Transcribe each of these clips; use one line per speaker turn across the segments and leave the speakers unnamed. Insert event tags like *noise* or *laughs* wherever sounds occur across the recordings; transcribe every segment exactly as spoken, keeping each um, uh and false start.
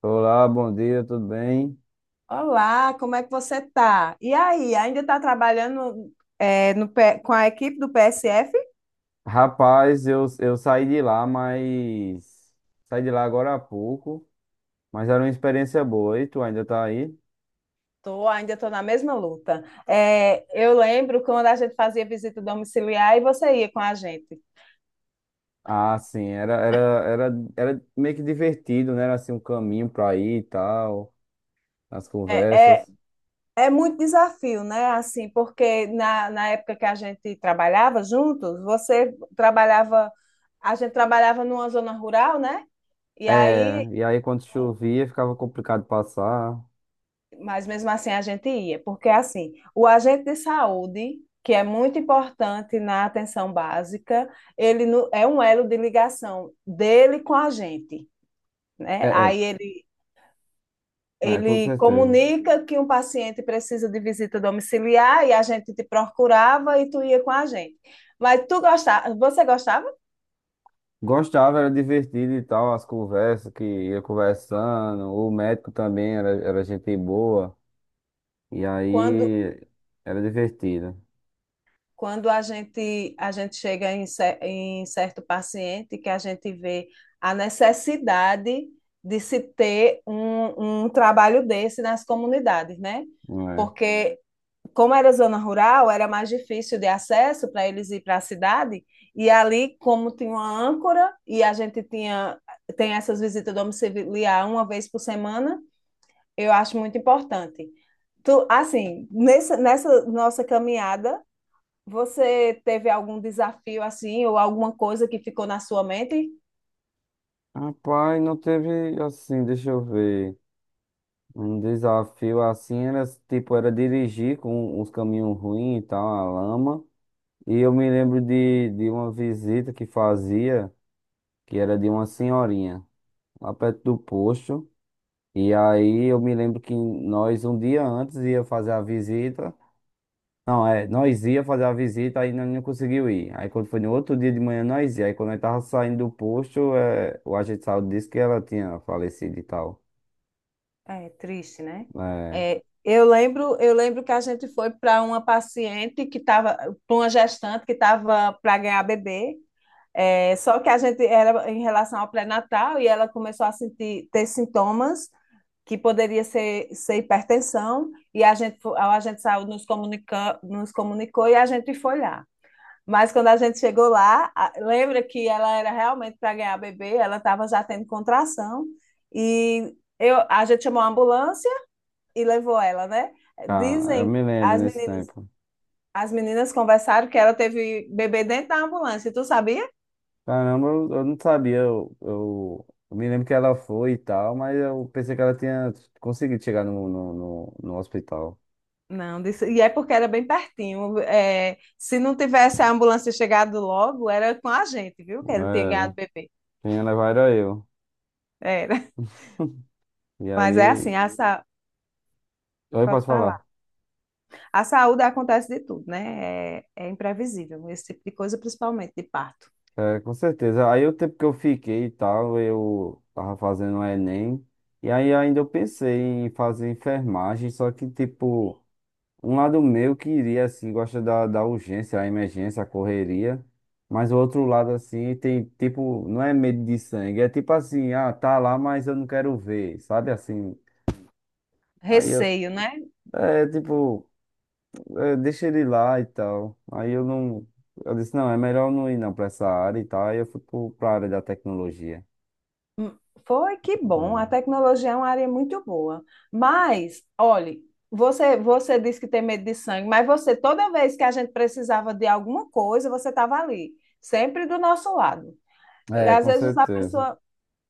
Olá, bom dia, tudo bem?
Olá, como é que você tá? E aí, ainda está trabalhando é, no P- com a equipe do P S F?
Rapaz, eu, eu saí de lá, mas. Saí de lá agora há pouco, mas era uma experiência boa. E tu ainda tá aí?
Tô, ainda estou na mesma luta. É, eu lembro quando a gente fazia visita domiciliar e você ia com a gente.
Ah, sim, era, era, era, era meio que divertido, né? Era assim um caminho pra ir e tal, as
É, é,
conversas.
É muito desafio, né? Assim, porque na, na época que a gente trabalhava juntos, você trabalhava, a gente trabalhava numa zona rural, né? E
É,
aí
e aí quando chovia ficava complicado passar.
mas mesmo assim a gente ia, porque assim, o agente de saúde, que é muito importante na atenção básica, ele no- é um elo de ligação dele com a gente,
É,
né?
é,
Aí ele
é, com
Ele
certeza.
comunica que um paciente precisa de visita domiciliar e a gente te procurava e tu ia com a gente. Mas tu gostava, você gostava
Gostava, era divertido e tal, as conversas que ia conversando. O médico também era, era gente boa. E
quando
aí era divertido.
quando a gente, a gente chega em, cer- em certo paciente que a gente vê a necessidade de se ter um, um trabalho desse nas comunidades, né?
Não é.
Porque, como era zona rural, era mais difícil de acesso para eles ir para a cidade, e ali, como tinha uma âncora, e a gente tinha, tem essas visitas domiciliar uma vez por semana, eu acho muito importante. Tu, assim, nessa, nessa nossa caminhada, você teve algum desafio assim, ou alguma coisa que ficou na sua mente?
Rapaz, não teve assim, deixa eu ver. Um desafio assim era tipo, era dirigir com uns caminhos ruins e tal, a lama. E eu me lembro de, de uma visita que fazia, que era de uma senhorinha, lá perto do posto. E aí eu me lembro que nós um dia antes ia fazer a visita. Não, é, nós ia fazer a visita, aí nós não conseguiu ir. Aí quando foi no outro dia de manhã, nós ia. Aí quando nós tava saindo do posto, é, o agente de saúde disse que ela tinha falecido e tal.
É triste, né?
É,
É, eu lembro, eu lembro que a gente foi para uma paciente que estava, para uma gestante que estava para ganhar bebê. É, só que a gente era em relação ao pré-natal e ela começou a sentir ter sintomas que poderia ser, ser hipertensão e a gente fo- a gente saiu nos comunica, nos comunicou e a gente foi lá. Mas quando a gente chegou lá, a- lembra que ela era realmente para ganhar bebê, ela estava já tendo contração e eu, a gente chamou a ambulância e levou ela, né?
ca- eu
Dizem,
me lembro
as
nesse
meninas,
tempo.
as meninas conversaram que ela teve bebê dentro da ambulância, tu sabia?
Caramba, eu, eu não sabia. Eu, eu, eu me lembro que ela foi e tal, mas eu pensei que ela tinha conseguido chegar no, no, no, no hospital.
Não, disse, e é porque era bem pertinho. É, se não tivesse a ambulância chegado logo, era com a gente, viu? Que ele tinha ganhado
Era.
bebê.
Quem ia levar era eu.
Era.
*laughs* E
Mas é
aí,
assim, essa,
eu
pode
posso falar.
falar. A saúde acontece de tudo, né? É, é imprevisível, esse tipo de coisa, principalmente de parto.
É, com certeza. Aí o tempo que eu fiquei e tal, eu tava fazendo o Enem. E aí ainda eu pensei em fazer enfermagem, só que, tipo, um lado meu queria, assim, gosta da, da urgência, a emergência, a correria. Mas o outro lado, assim, tem, tipo, não é medo de sangue. É tipo assim, ah, tá lá, mas eu não quero ver, sabe? Assim, aí eu,
Receio, né?
é, tipo, é, deixa ele lá e tal. Aí eu não, eu disse, não, é melhor eu não ir não pra essa área e tal. Aí eu fui pro, pra área da tecnologia.
Foi que bom, a
Hum.
tecnologia é uma área muito boa. Mas, olhe, você, você disse que tem medo de sangue, mas você, toda vez que a gente precisava de alguma coisa, você estava ali, sempre do nosso lado. E
É,
às
com
vezes a
certeza.
pessoa,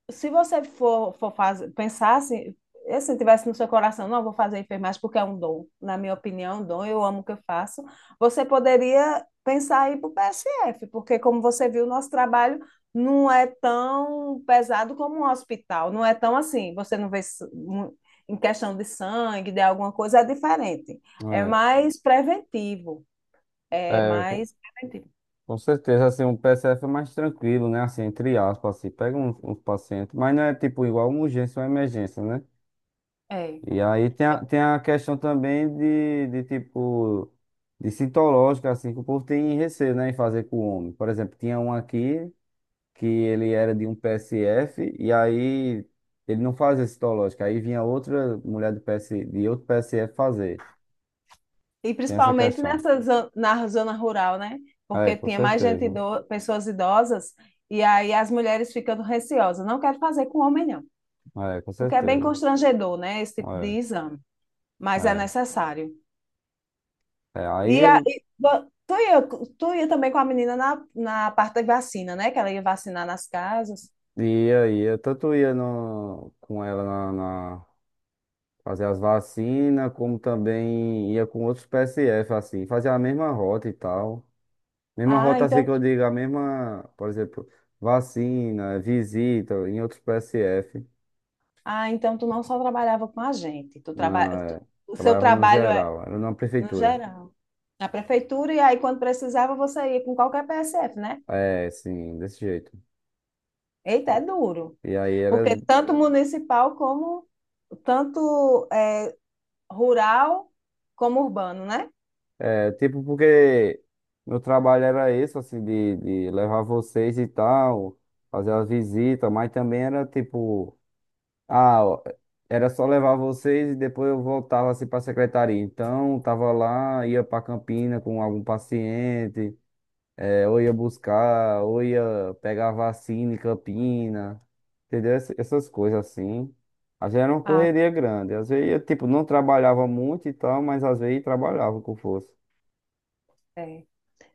se você for, for fazer, pensar assim, assim, tivesse no seu coração, não, vou fazer enfermagem porque é um dom, na minha opinião, é um dom, eu amo o que eu faço, você poderia pensar aí para o P S F, porque como você viu, o nosso trabalho não é tão pesado como um hospital, não é tão assim, você não vê em questão de sangue, de alguma coisa, é diferente, é mais preventivo, é
É, é, com
mais preventivo.
com certeza, assim, um P S F é mais tranquilo, né? Assim, entre aspas, assim, pega uns, uns pacientes, mas não é tipo igual uma urgência ou uma emergência, né?
É.
E aí tem a, tem a questão também de, de tipo, de citológica, assim, que o povo tem receio, né, em fazer com o homem. Por exemplo, tinha um aqui que ele era de um P S F e aí ele não fazia citológica, aí vinha outra mulher de, P S, de outro P S F fazer.
E
Tem essa
principalmente
questão.
nessa zo- na zona rural, né?
É,
Porque
com
tinha mais gente,
certeza.
ido- pessoas idosas, e aí as mulheres ficando receosas. Não quero fazer com homem, não.
É, com
O que é bem
certeza.
constrangedor, né? Esse tipo de
É,
exame. Mas é
é.
necessário.
É, aí
E, a,
eu
e vo- tu ia, tu ia também com a menina na, na parte da vacina, né? Que ela ia vacinar nas casas.
ia, ia, tanto ia no, com ela na, na- fazer as vacinas, como também ia com outros P S F, assim, fazer a mesma rota e tal. Mesma
Ah,
rota assim
então,
que eu digo, a mesma, por exemplo, vacina, visita em outros P S F.
ah, então tu não só trabalhava com a gente. Tu traba, tu-
Na,
o seu
trabalhava no
trabalho é
geral, era numa
no
prefeitura.
geral. Na prefeitura, e aí quando precisava, você ia com qualquer P S F, né?
É, sim, desse jeito.
Eita, é duro.
E aí era.
Porque tanto municipal como tanto é, rural como urbano, né?
É tipo porque meu trabalho era esse, assim, de, de levar vocês e tal, fazer as visitas, mas também era tipo, ah, ó, era só levar vocês e depois eu voltava assim pra secretaria. Então, tava lá, ia pra Campina com algum paciente, é, ou ia buscar, ou ia pegar vacina em Campina, entendeu? Ess- Essas coisas assim. Às vezes era uma
Ah,
correria grande, às vezes eu, tipo, não trabalhava muito e tal, mas às vezes trabalhava com força.
é.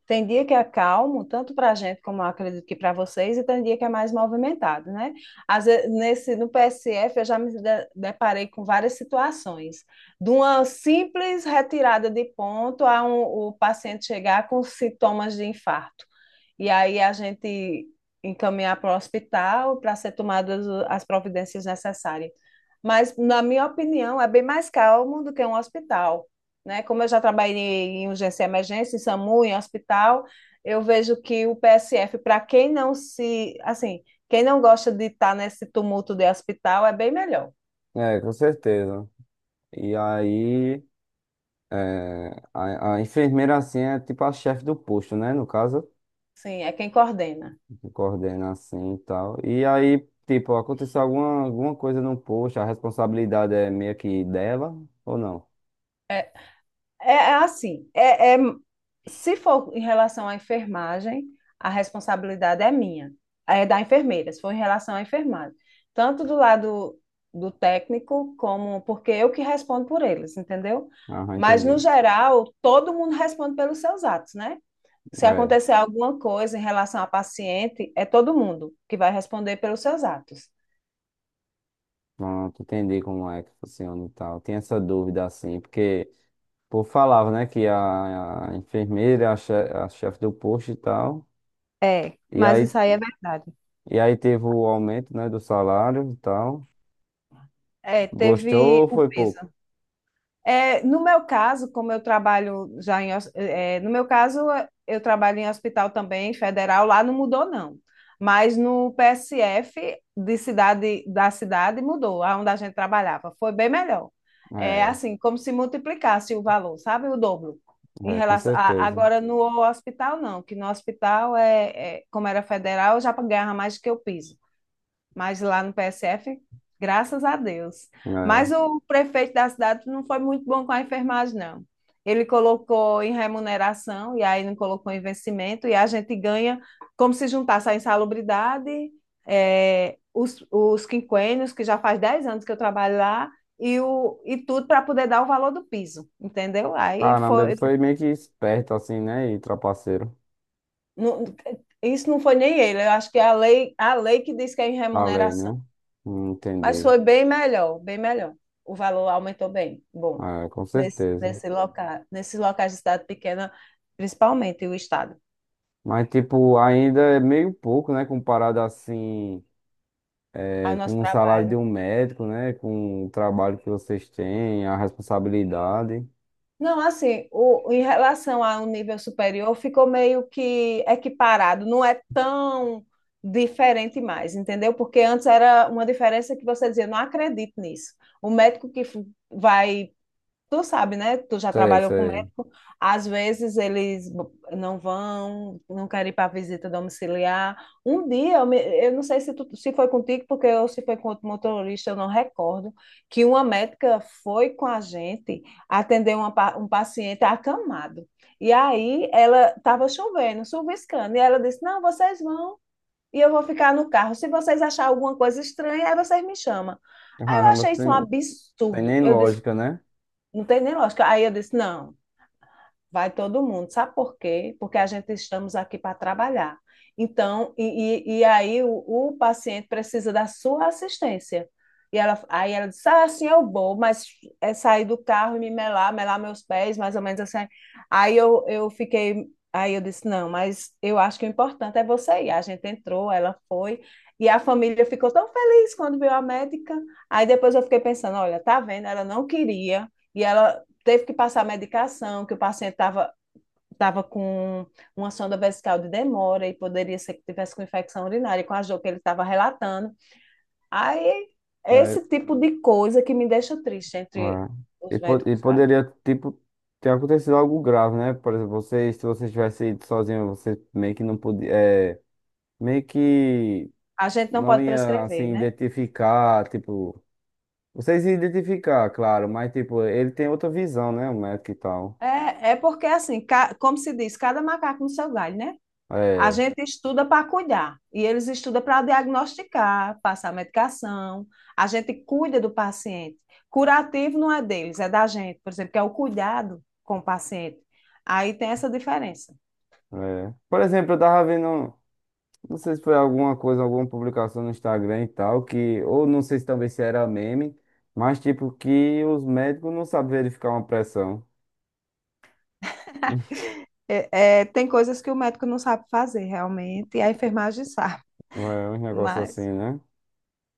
Tem dia que é calmo, tanto para a gente como eu acredito que para vocês, e tem dia que é mais movimentado, né? Às vezes, nesse, no P S F, eu já me de- deparei com várias situações, de uma simples retirada de ponto a um- o paciente chegar com sintomas de infarto. E aí a gente encaminhar para o hospital para ser tomadas as providências necessárias. Mas, na minha opinião, é bem mais calmo do que um hospital, né? Como eu já trabalhei em urgência e emergência, em SAMU, em hospital, eu vejo que o P S F, para quem não se, assim, quem não gosta de estar nesse tumulto de hospital, é bem melhor.
É, com certeza. E aí, é, a, a enfermeira, assim, é tipo a chefe do posto, né? No caso,
Sim, é quem coordena.
que coordena assim e tal. E aí, tipo, aconteceu alguma, alguma coisa no posto, a responsabilidade é meio que dela ou não?
É, É é assim, é, é- se for em relação à enfermagem, a responsabilidade é minha, é da enfermeira, se for em relação à enfermagem. Tanto do lado do técnico, como porque eu que respondo por eles, entendeu?
Aham,
Mas,
entendi.
no geral, todo mundo responde pelos seus atos, né? Se
É,
acontecer alguma coisa em relação à paciente, é todo mundo que vai responder pelos seus atos.
pronto, entendi como é que funciona e tal. Tem essa dúvida, assim, porque o povo falava, né, que a, a enfermeira é a che- a chefe do posto e tal.
É,
E
mas
aí,
isso aí é verdade.
e aí teve o aumento, né, do salário e tal.
É,
Gostou
teve
ou
o
foi pouco?
peso. É, no meu caso, como eu trabalho já em, hos- é, no meu caso, eu trabalho em hospital também, federal, lá não mudou, não. Mas no P S F de cidade, da cidade mudou, aonde a gente trabalhava. Foi bem melhor. É
É,
assim, como se multiplicasse o valor, sabe? O dobro. Em
é, com
relação a-
certeza.
agora no hospital, não, que no hospital é, é- como era federal, eu já ganhava mais do que eu piso, mas lá no P S F, graças a Deus.
É.
Mas o prefeito da cidade não foi muito bom com a enfermagem, não. Ele colocou em remuneração e aí não colocou em vencimento, e a gente ganha como se juntasse a insalubridade, eh, os, os quinquênios, que já faz dez anos que eu trabalho lá, e, o, e tudo para poder dar o valor do piso, entendeu? Aí
Caramba, ele
foi.
foi meio que esperto assim, né? E trapaceiro.
Não, isso não foi nem ele, eu acho que é a lei, a lei que diz que é em
Da lei, né?
remuneração.
Hum,
Mas
entendi.
foi bem melhor, bem melhor. O valor aumentou bem. Bom,
É, com
nesse,
certeza.
nesse local, nesses locais de cidade pequena, principalmente o estado,
Mas, tipo, ainda é meio pouco, né? Comparado assim,
ao
é,
nosso
com o salário de
trabalho.
um médico, né? Com o trabalho que vocês têm, a responsabilidade.
Não, assim, o, em relação a um nível superior, ficou meio que equiparado, não é tão diferente mais, entendeu? Porque antes era uma diferença que você dizia, não acredito nisso. O médico que f- vai Tu sabe, né? Tu já
Sei,
trabalhou com
sei.
médico. Às vezes eles não vão, não querem ir para visita domiciliar. Um dia, eu, me- eu não sei se, tu, se foi contigo, porque eu, se foi com outro motorista, eu não recordo, que uma médica foi com a gente atender uma pa- um paciente acamado. E aí ela estava chovendo, chuviscando, e ela disse: Não, vocês vão, e eu vou ficar no carro. Se vocês acharem alguma coisa estranha, aí vocês me chamam. Aí eu
Caramba,
achei isso um
tem, tem
absurdo.
nem
Eu disse,
lógica, né?
não tem nem lógica. Aí eu disse, não, vai todo mundo. Sabe por quê? Porque a gente estamos aqui para trabalhar. Então, e, e, e aí o, o paciente precisa da sua assistência. E ela, aí ela disse, ah, assim eu vou, mas é sair do carro e me melar, melar meus pés, mais ou menos assim. Aí eu, eu fiquei, aí eu disse, não, mas eu acho que o importante é você ir. A gente entrou, ela foi, e a família ficou tão feliz quando viu a médica. Aí depois eu fiquei pensando, olha, tá vendo, ela não queria, e ela, teve que passar medicação, que o paciente estava estava com uma sonda vesical de demora e poderia ser que tivesse com infecção urinária, com a dor que ele estava relatando. Aí, esse
É,
tipo de coisa que me deixa triste entre
é. E,
os
po- e
médicos, sabe?
poderia, tipo, ter acontecido algo grave, né? Por exemplo, vocês, se vocês tivessem ido sozinho, você meio que não podia, é, meio que
A gente não
não
pode
ia,
prescrever,
assim,
né?
identificar, tipo, vocês iam identificar, claro, mas, tipo, ele tem outra visão, né? O médico e tal.
É, é porque, assim, ca... como se diz, cada macaco no seu galho, né? A
É,
gente estuda para cuidar e eles estudam para diagnosticar, passar medicação. A gente cuida do paciente. Curativo não é deles, é da gente, por exemplo, que é o cuidado com o paciente. Aí tem essa diferença.
é. Por exemplo, eu tava vendo, não sei se foi alguma coisa, alguma publicação no Instagram e tal, que, ou não sei se também se era meme, mas, tipo, que os médicos não sabem verificar uma pressão.
É, é, tem coisas que o médico não sabe fazer realmente e a enfermagem *laughs* sabe,
É um negócio assim,
mas
né?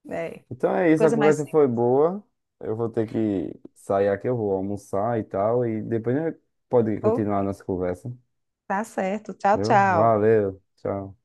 é
Então é isso, a
coisa mais
conversa
simples.
foi boa. Eu vou ter que sair aqui, eu vou almoçar e tal. E depois a gente pode continuar a nossa conversa.
Tá certo. Tchau,
Viu?
tchau.
Valeu, tchau.